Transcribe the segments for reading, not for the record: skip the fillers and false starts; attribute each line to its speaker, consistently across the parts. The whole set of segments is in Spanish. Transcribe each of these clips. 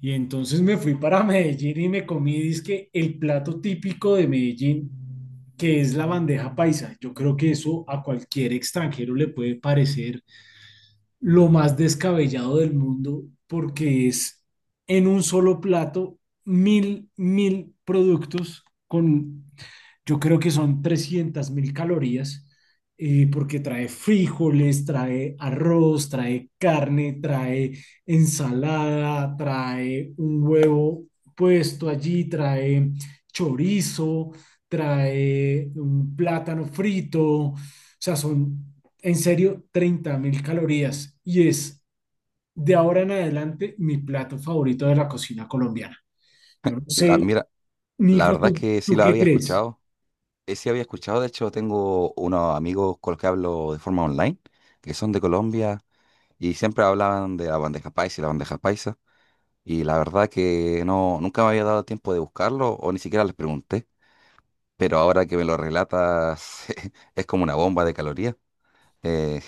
Speaker 1: Y entonces me fui para Medellín y me comí, dizque, el plato típico de Medellín, que es la bandeja paisa. Yo creo que eso a cualquier extranjero le puede parecer lo más descabellado del mundo porque es en un solo plato mil, mil productos con, yo creo que son 300.000 calorías, porque trae frijoles, trae arroz, trae carne, trae ensalada, trae un huevo puesto allí, trae chorizo, trae un plátano frito, o sea, son en serio, 30.000 calorías y es de ahora en adelante mi plato favorito de la cocina colombiana. Yo no
Speaker 2: La,
Speaker 1: sé,
Speaker 2: mira, la
Speaker 1: Nico,
Speaker 2: verdad
Speaker 1: ¿tú,
Speaker 2: que sí
Speaker 1: tú
Speaker 2: la
Speaker 1: qué
Speaker 2: había
Speaker 1: crees?
Speaker 2: escuchado. Sí había escuchado, de hecho tengo unos amigos con los que hablo de forma online, que son de Colombia y siempre hablaban de la bandeja paisa y la bandeja paisa. Y la verdad que no, nunca me había dado tiempo de buscarlo o ni siquiera les pregunté. Pero ahora que me lo relatas, es como una bomba de calorías. Eh,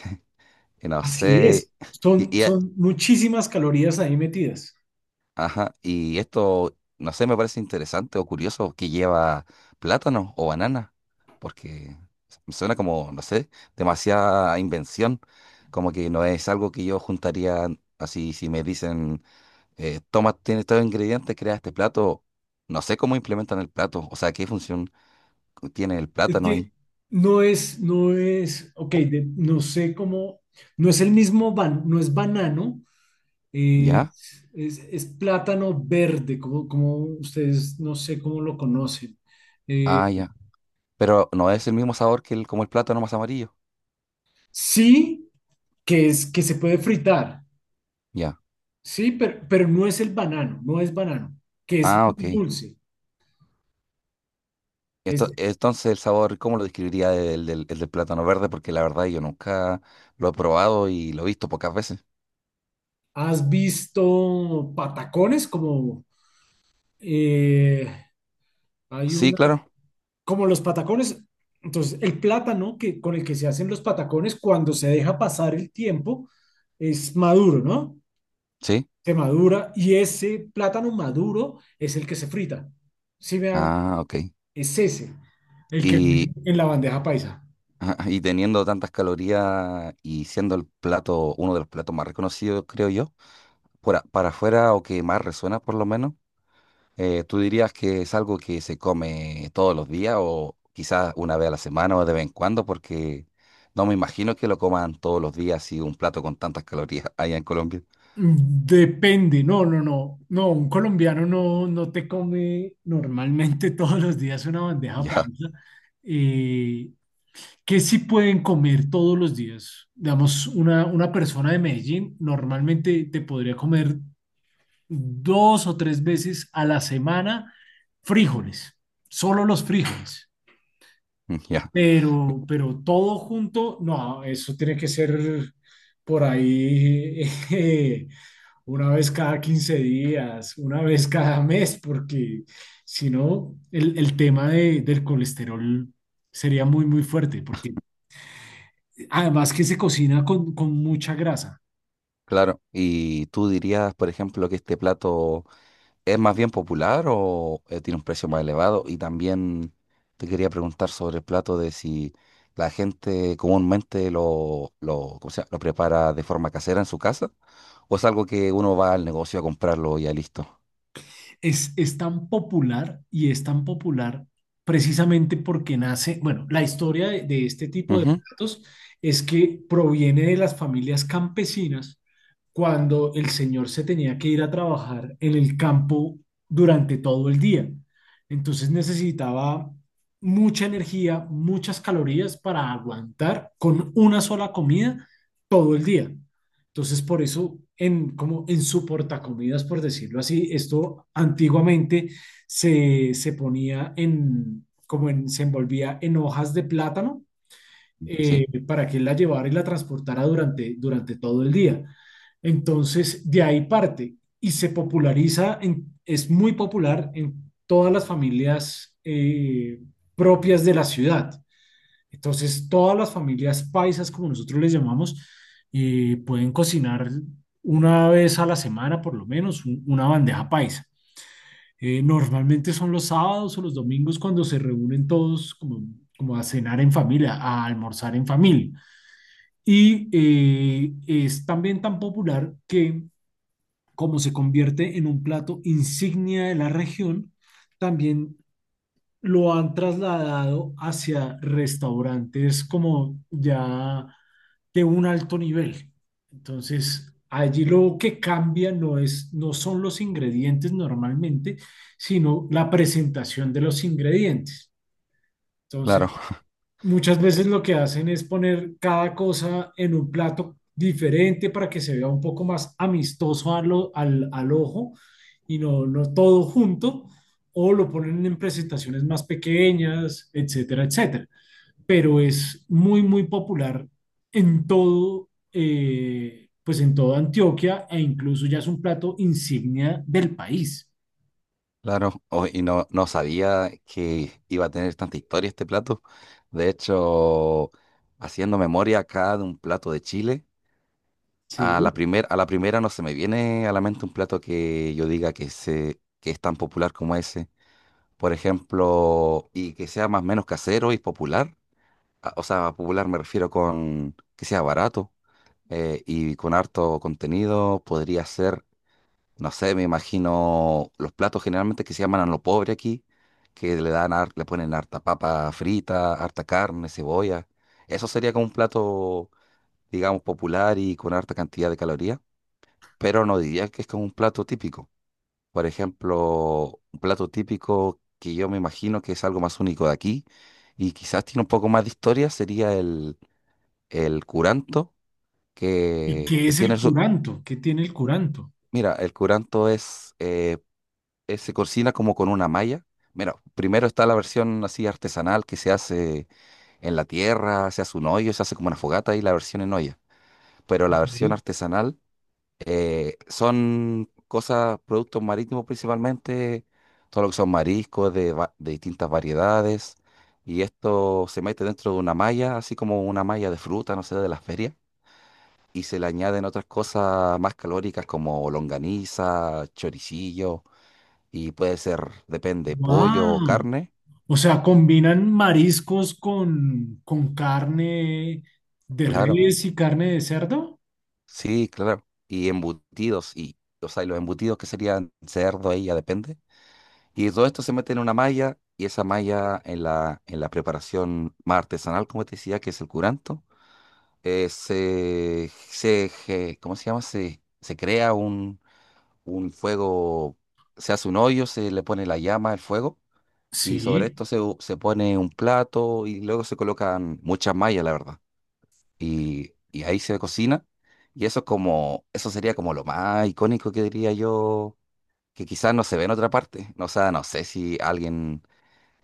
Speaker 2: y no
Speaker 1: Así es,
Speaker 2: sé.
Speaker 1: son,
Speaker 2: Y, y,
Speaker 1: son muchísimas calorías ahí metidas.
Speaker 2: Ajá, y esto, no sé, me parece interesante o curioso que lleva plátano o banana, porque me suena como, no sé, demasiada invención, como que no es algo que yo juntaría así, si me dicen, toma, tiene estos ingredientes, crea este plato, no sé cómo implementan el plato, o sea, qué función tiene el
Speaker 1: Es
Speaker 2: plátano ahí.
Speaker 1: que ok,
Speaker 2: O-
Speaker 1: no sé cómo, no es el mismo, no es banano, es,
Speaker 2: ¿Ya?
Speaker 1: es, es plátano verde, como ustedes, no sé cómo lo conocen. Eh,
Speaker 2: Ah, ya, pero no es el mismo sabor que el, como el plátano más amarillo.
Speaker 1: sí. Que es que se puede fritar,
Speaker 2: Ya,
Speaker 1: sí, pero no es el banano, no es banano, que es
Speaker 2: ah,
Speaker 1: muy
Speaker 2: ok.
Speaker 1: dulce. Es-
Speaker 2: Entonces, el sabor, ¿cómo lo describiría el del plátano verde? Porque la verdad yo nunca lo he probado y lo he visto pocas veces.
Speaker 1: ¿Has visto patacones como eh, hay
Speaker 2: Sí,
Speaker 1: una,
Speaker 2: claro,
Speaker 1: como los patacones? Entonces, el plátano con el que se hacen los patacones, cuando se deja pasar el tiempo, es maduro, ¿no?
Speaker 2: sí.
Speaker 1: Se madura, y ese plátano maduro es el que se frita. ¿Sí me hago?
Speaker 2: Ah, ok.
Speaker 1: Es ese, el que
Speaker 2: Y,
Speaker 1: en la bandeja paisa.
Speaker 2: y teniendo tantas calorías y siendo el plato, uno de los platos más reconocidos, creo yo, por para afuera o que más resuena por lo menos, ¿tú dirías que es algo que se come todos los días o quizás una vez a la semana o de vez en cuando? Porque no me imagino que lo coman todos los días y un plato con tantas calorías allá en Colombia.
Speaker 1: Depende. No, no, no, no, un colombiano no, no te come normalmente todos los días una bandeja
Speaker 2: Ya,
Speaker 1: paisa. Eh, ¿Qué sí pueden comer todos los días? Digamos, una persona de Medellín normalmente te podría comer 2 o 3 veces a la semana frijoles, solo los frijoles,
Speaker 2: ya,
Speaker 1: pero todo junto, no, eso tiene que ser por ahí. eh, una vez cada 15 días, una vez cada mes, porque si no, el tema del colesterol sería muy, muy fuerte, porque además que se cocina con mucha grasa.
Speaker 2: claro. ¿Y tú dirías, por ejemplo, que este plato es más bien popular o tiene un precio más elevado? Y también te quería preguntar sobre el plato de si la gente comúnmente ¿cómo se llama? Lo prepara de forma casera en su casa o es algo que uno va al negocio a comprarlo y ya listo.
Speaker 1: Es tan popular, y es tan popular precisamente porque nace, bueno, la historia de este tipo de
Speaker 2: Ujú,
Speaker 1: platos es que proviene de las familias campesinas cuando el señor se tenía que ir a trabajar en el campo durante todo el día. Entonces necesitaba mucha energía, muchas calorías para aguantar con una sola comida todo el día. Entonces, por eso, como en su portacomidas, por decirlo así, esto antiguamente se ponía se envolvía en hojas de plátano,
Speaker 2: sí,
Speaker 1: para que él la llevara y la transportara durante todo el día. Entonces, de ahí parte y se populariza, es muy popular en todas las familias, propias de la ciudad. Entonces, todas las familias paisas, como nosotros les llamamos, pueden cocinar una vez a la semana, por lo menos, una bandeja paisa. Normalmente son los sábados o los domingos cuando se reúnen todos, como a cenar en familia, a almorzar en familia. Y es también tan popular que, como se convierte en un plato insignia de la región, también lo han trasladado hacia restaurantes como ya de un alto nivel. Entonces, allí lo que cambia no son los ingredientes normalmente, sino la presentación de los ingredientes. Entonces,
Speaker 2: claro.
Speaker 1: muchas veces lo que hacen es poner cada cosa en un plato diferente para que se vea un poco más amistoso al ojo, y no, no todo junto, o lo ponen en presentaciones más pequeñas, etcétera, etcétera. Pero es muy, muy popular pues en toda Antioquia, e incluso ya es un plato insignia del país.
Speaker 2: Claro, y no, no sabía que iba a tener tanta historia este plato. De hecho, haciendo memoria acá de un plato de Chile, a la
Speaker 1: Sí.
Speaker 2: primer, a la primera no se me viene a la mente un plato que yo diga que, se, que es tan popular como ese. Por ejemplo, y que sea más o menos casero y popular. O sea, popular me refiero con que sea barato, y con harto contenido. Podría ser, no sé, me imagino los platos generalmente que se llaman a lo pobre aquí, que le dan, le ponen harta papa frita, harta carne, cebolla. Eso sería como un plato, digamos, popular y con harta cantidad de calorías, pero no diría que es como un plato típico. Por ejemplo, un plato típico que yo me imagino que es algo más único de aquí y quizás tiene un poco más de historia sería el curanto,
Speaker 1: ¿Y
Speaker 2: que
Speaker 1: qué es el
Speaker 2: tiene su...
Speaker 1: curanto? ¿Qué tiene el curanto?
Speaker 2: Mira, el curanto es se cocina como con una malla. Mira, primero está la versión así artesanal que se hace en la tierra, se hace un hoyo, se hace como una fogata y la versión en olla. Pero la versión
Speaker 1: Ok.
Speaker 2: artesanal, son cosas, productos marítimos principalmente, todo lo que son mariscos de, de distintas variedades. Y esto se mete dentro de una malla, así como una malla de fruta, no sé, de las ferias. Y se le añaden otras cosas más calóricas como longaniza, choricillo y puede ser, depende, pollo o
Speaker 1: ¡Wow!
Speaker 2: carne,
Speaker 1: O sea, combinan mariscos con carne de
Speaker 2: claro,
Speaker 1: res y carne de cerdo.
Speaker 2: sí, claro, y embutidos, y, o sea, y los embutidos que serían cerdo, ahí ya depende. Y todo esto se mete en una malla, y esa malla en la preparación más artesanal, como te decía, que es el curanto, ¿cómo se llama? Se crea un fuego, se hace un hoyo, se le pone la llama, el fuego, y sobre
Speaker 1: Sí.
Speaker 2: esto se, se pone un plato, y luego se colocan muchas mallas, la verdad, y ahí se cocina. Y eso es como, eso sería como lo más icónico que diría yo, que quizás no se ve en otra parte. O sea, no sé si alguien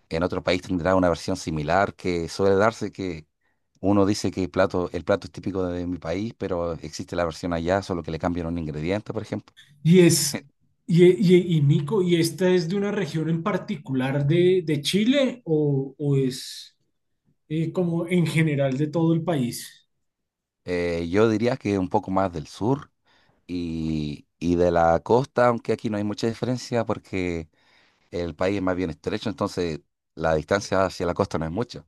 Speaker 2: en otro país tendrá una versión similar que suele darse, que uno dice que el plato es típico de mi país, pero existe la versión allá, solo que le cambian un ingrediente, por ejemplo.
Speaker 1: Y es, y Nico, ¿y esta es de una región en particular de Chile, o es como en general de todo el país?
Speaker 2: Yo diría que un poco más del sur y de la costa, aunque aquí no hay mucha diferencia porque el país es más bien estrecho, entonces la distancia hacia la costa no es mucha.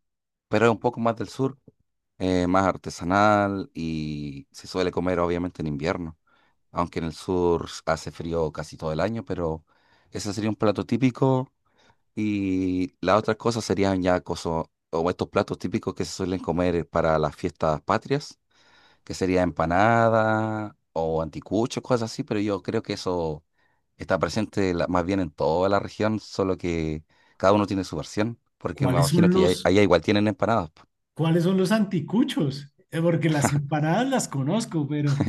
Speaker 2: Pero es un poco más del sur, más artesanal y se suele comer obviamente en invierno. Aunque en el sur hace frío casi todo el año, pero ese sería un plato típico. Y las otras cosas serían ya cosas, o estos platos típicos que se suelen comer para las fiestas patrias, que sería empanada o anticucho, cosas así, pero yo creo que eso está presente más bien en toda la región, solo que cada uno tiene su versión, porque me
Speaker 1: ¿Cuáles
Speaker 2: imagino
Speaker 1: son
Speaker 2: que
Speaker 1: los,
Speaker 2: allá igual tienen empanadas. Po.
Speaker 1: Cuáles son los anticuchos? Porque las empanadas las conozco, pero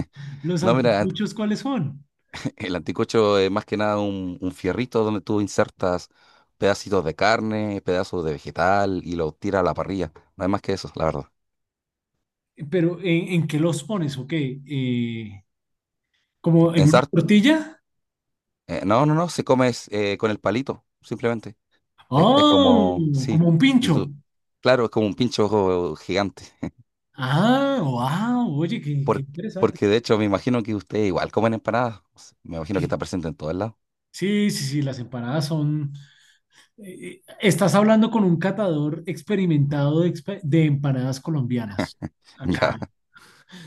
Speaker 1: los
Speaker 2: No, mira,
Speaker 1: anticuchos, ¿cuáles son?
Speaker 2: el anticocho es más que nada un, un fierrito donde tú insertas pedacitos de carne, pedazos de vegetal y lo tiras a la parrilla. No hay más que eso, la verdad.
Speaker 1: Pero ¿en qué los pones? ¿O qué? ¿Como en
Speaker 2: En
Speaker 1: una
Speaker 2: sar-
Speaker 1: tortilla?
Speaker 2: no, no, no, se come es, con el palito, simplemente. Es
Speaker 1: Oh,
Speaker 2: como, sí,
Speaker 1: como un
Speaker 2: y
Speaker 1: pincho.
Speaker 2: tú, claro, es como un pincho gigante.
Speaker 1: Ah, wow, oye, qué
Speaker 2: Por-
Speaker 1: interesante.
Speaker 2: Porque de hecho me imagino que ustedes igual comen empanadas. Me imagino que
Speaker 1: Sí,
Speaker 2: está presente en todos lados.
Speaker 1: sí, sí, sí, las empanadas son... Estás hablando con un catador experimentado de empanadas colombianas.
Speaker 2: Ya,
Speaker 1: Acá.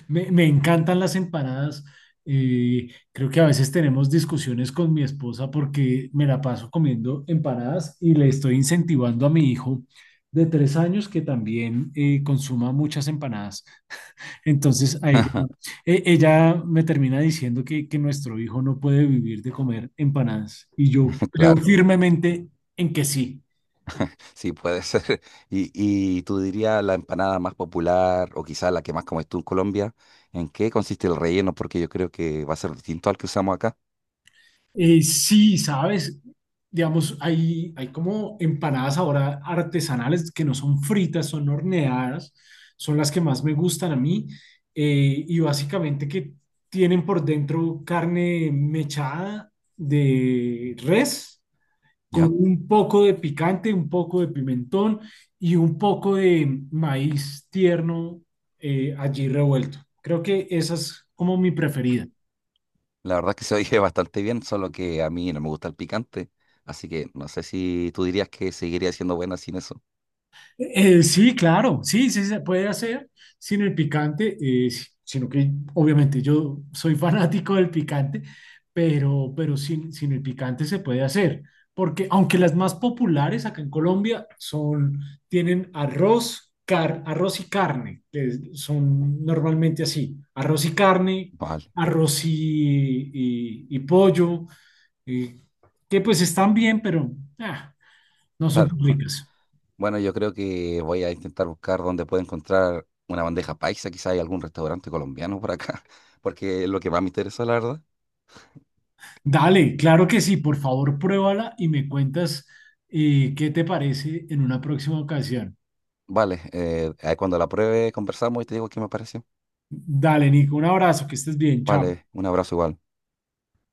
Speaker 1: Me encantan las empanadas. Creo que a veces tenemos discusiones con mi esposa porque me la paso comiendo empanadas y le estoy incentivando a mi hijo de 3 años que también consuma muchas empanadas. Entonces, a ella, ella me termina diciendo que nuestro hijo no puede vivir de comer empanadas. Y yo creo
Speaker 2: claro,
Speaker 1: firmemente en que sí.
Speaker 2: sí puede ser. Y, y tú dirías la empanada más popular o quizás la que más comes tú en Colombia, ¿en qué consiste el relleno? Porque yo creo que va a ser distinto al que usamos acá.
Speaker 1: Sí, sabes, digamos, hay como empanadas ahora artesanales que no son fritas, son horneadas, son las que más me gustan a mí. Y básicamente que tienen por dentro carne mechada de res con
Speaker 2: Ya.
Speaker 1: un poco de picante, un poco de pimentón, y un poco de maíz tierno allí revuelto. Creo que esa es como mi preferida.
Speaker 2: La verdad es que se oye bastante bien, solo que a mí no me gusta el picante. Así que no sé si tú dirías que seguiría siendo buena sin eso.
Speaker 1: Sí, claro, sí, sí se puede hacer sin el picante, sino que obviamente yo soy fanático del picante, pero, pero sin el picante se puede hacer, porque aunque las más populares acá en Colombia tienen arroz, arroz y carne, son normalmente así, arroz y carne,
Speaker 2: Vale,
Speaker 1: arroz y pollo, eh, que pues están bien, pero ah, no son
Speaker 2: claro.
Speaker 1: tan ricas.
Speaker 2: Bueno, yo creo que voy a intentar buscar dónde puedo encontrar una bandeja paisa, quizá hay algún restaurante colombiano por acá, porque es lo que más me interesó, la verdad.
Speaker 1: Dale, claro que sí, por favor, pruébala y me cuentas, qué te parece en una próxima ocasión.
Speaker 2: Vale, ahí cuando la pruebe conversamos y te digo qué me pareció.
Speaker 1: Dale, Nico, un abrazo, que estés bien, chao.
Speaker 2: Vale, un abrazo igual.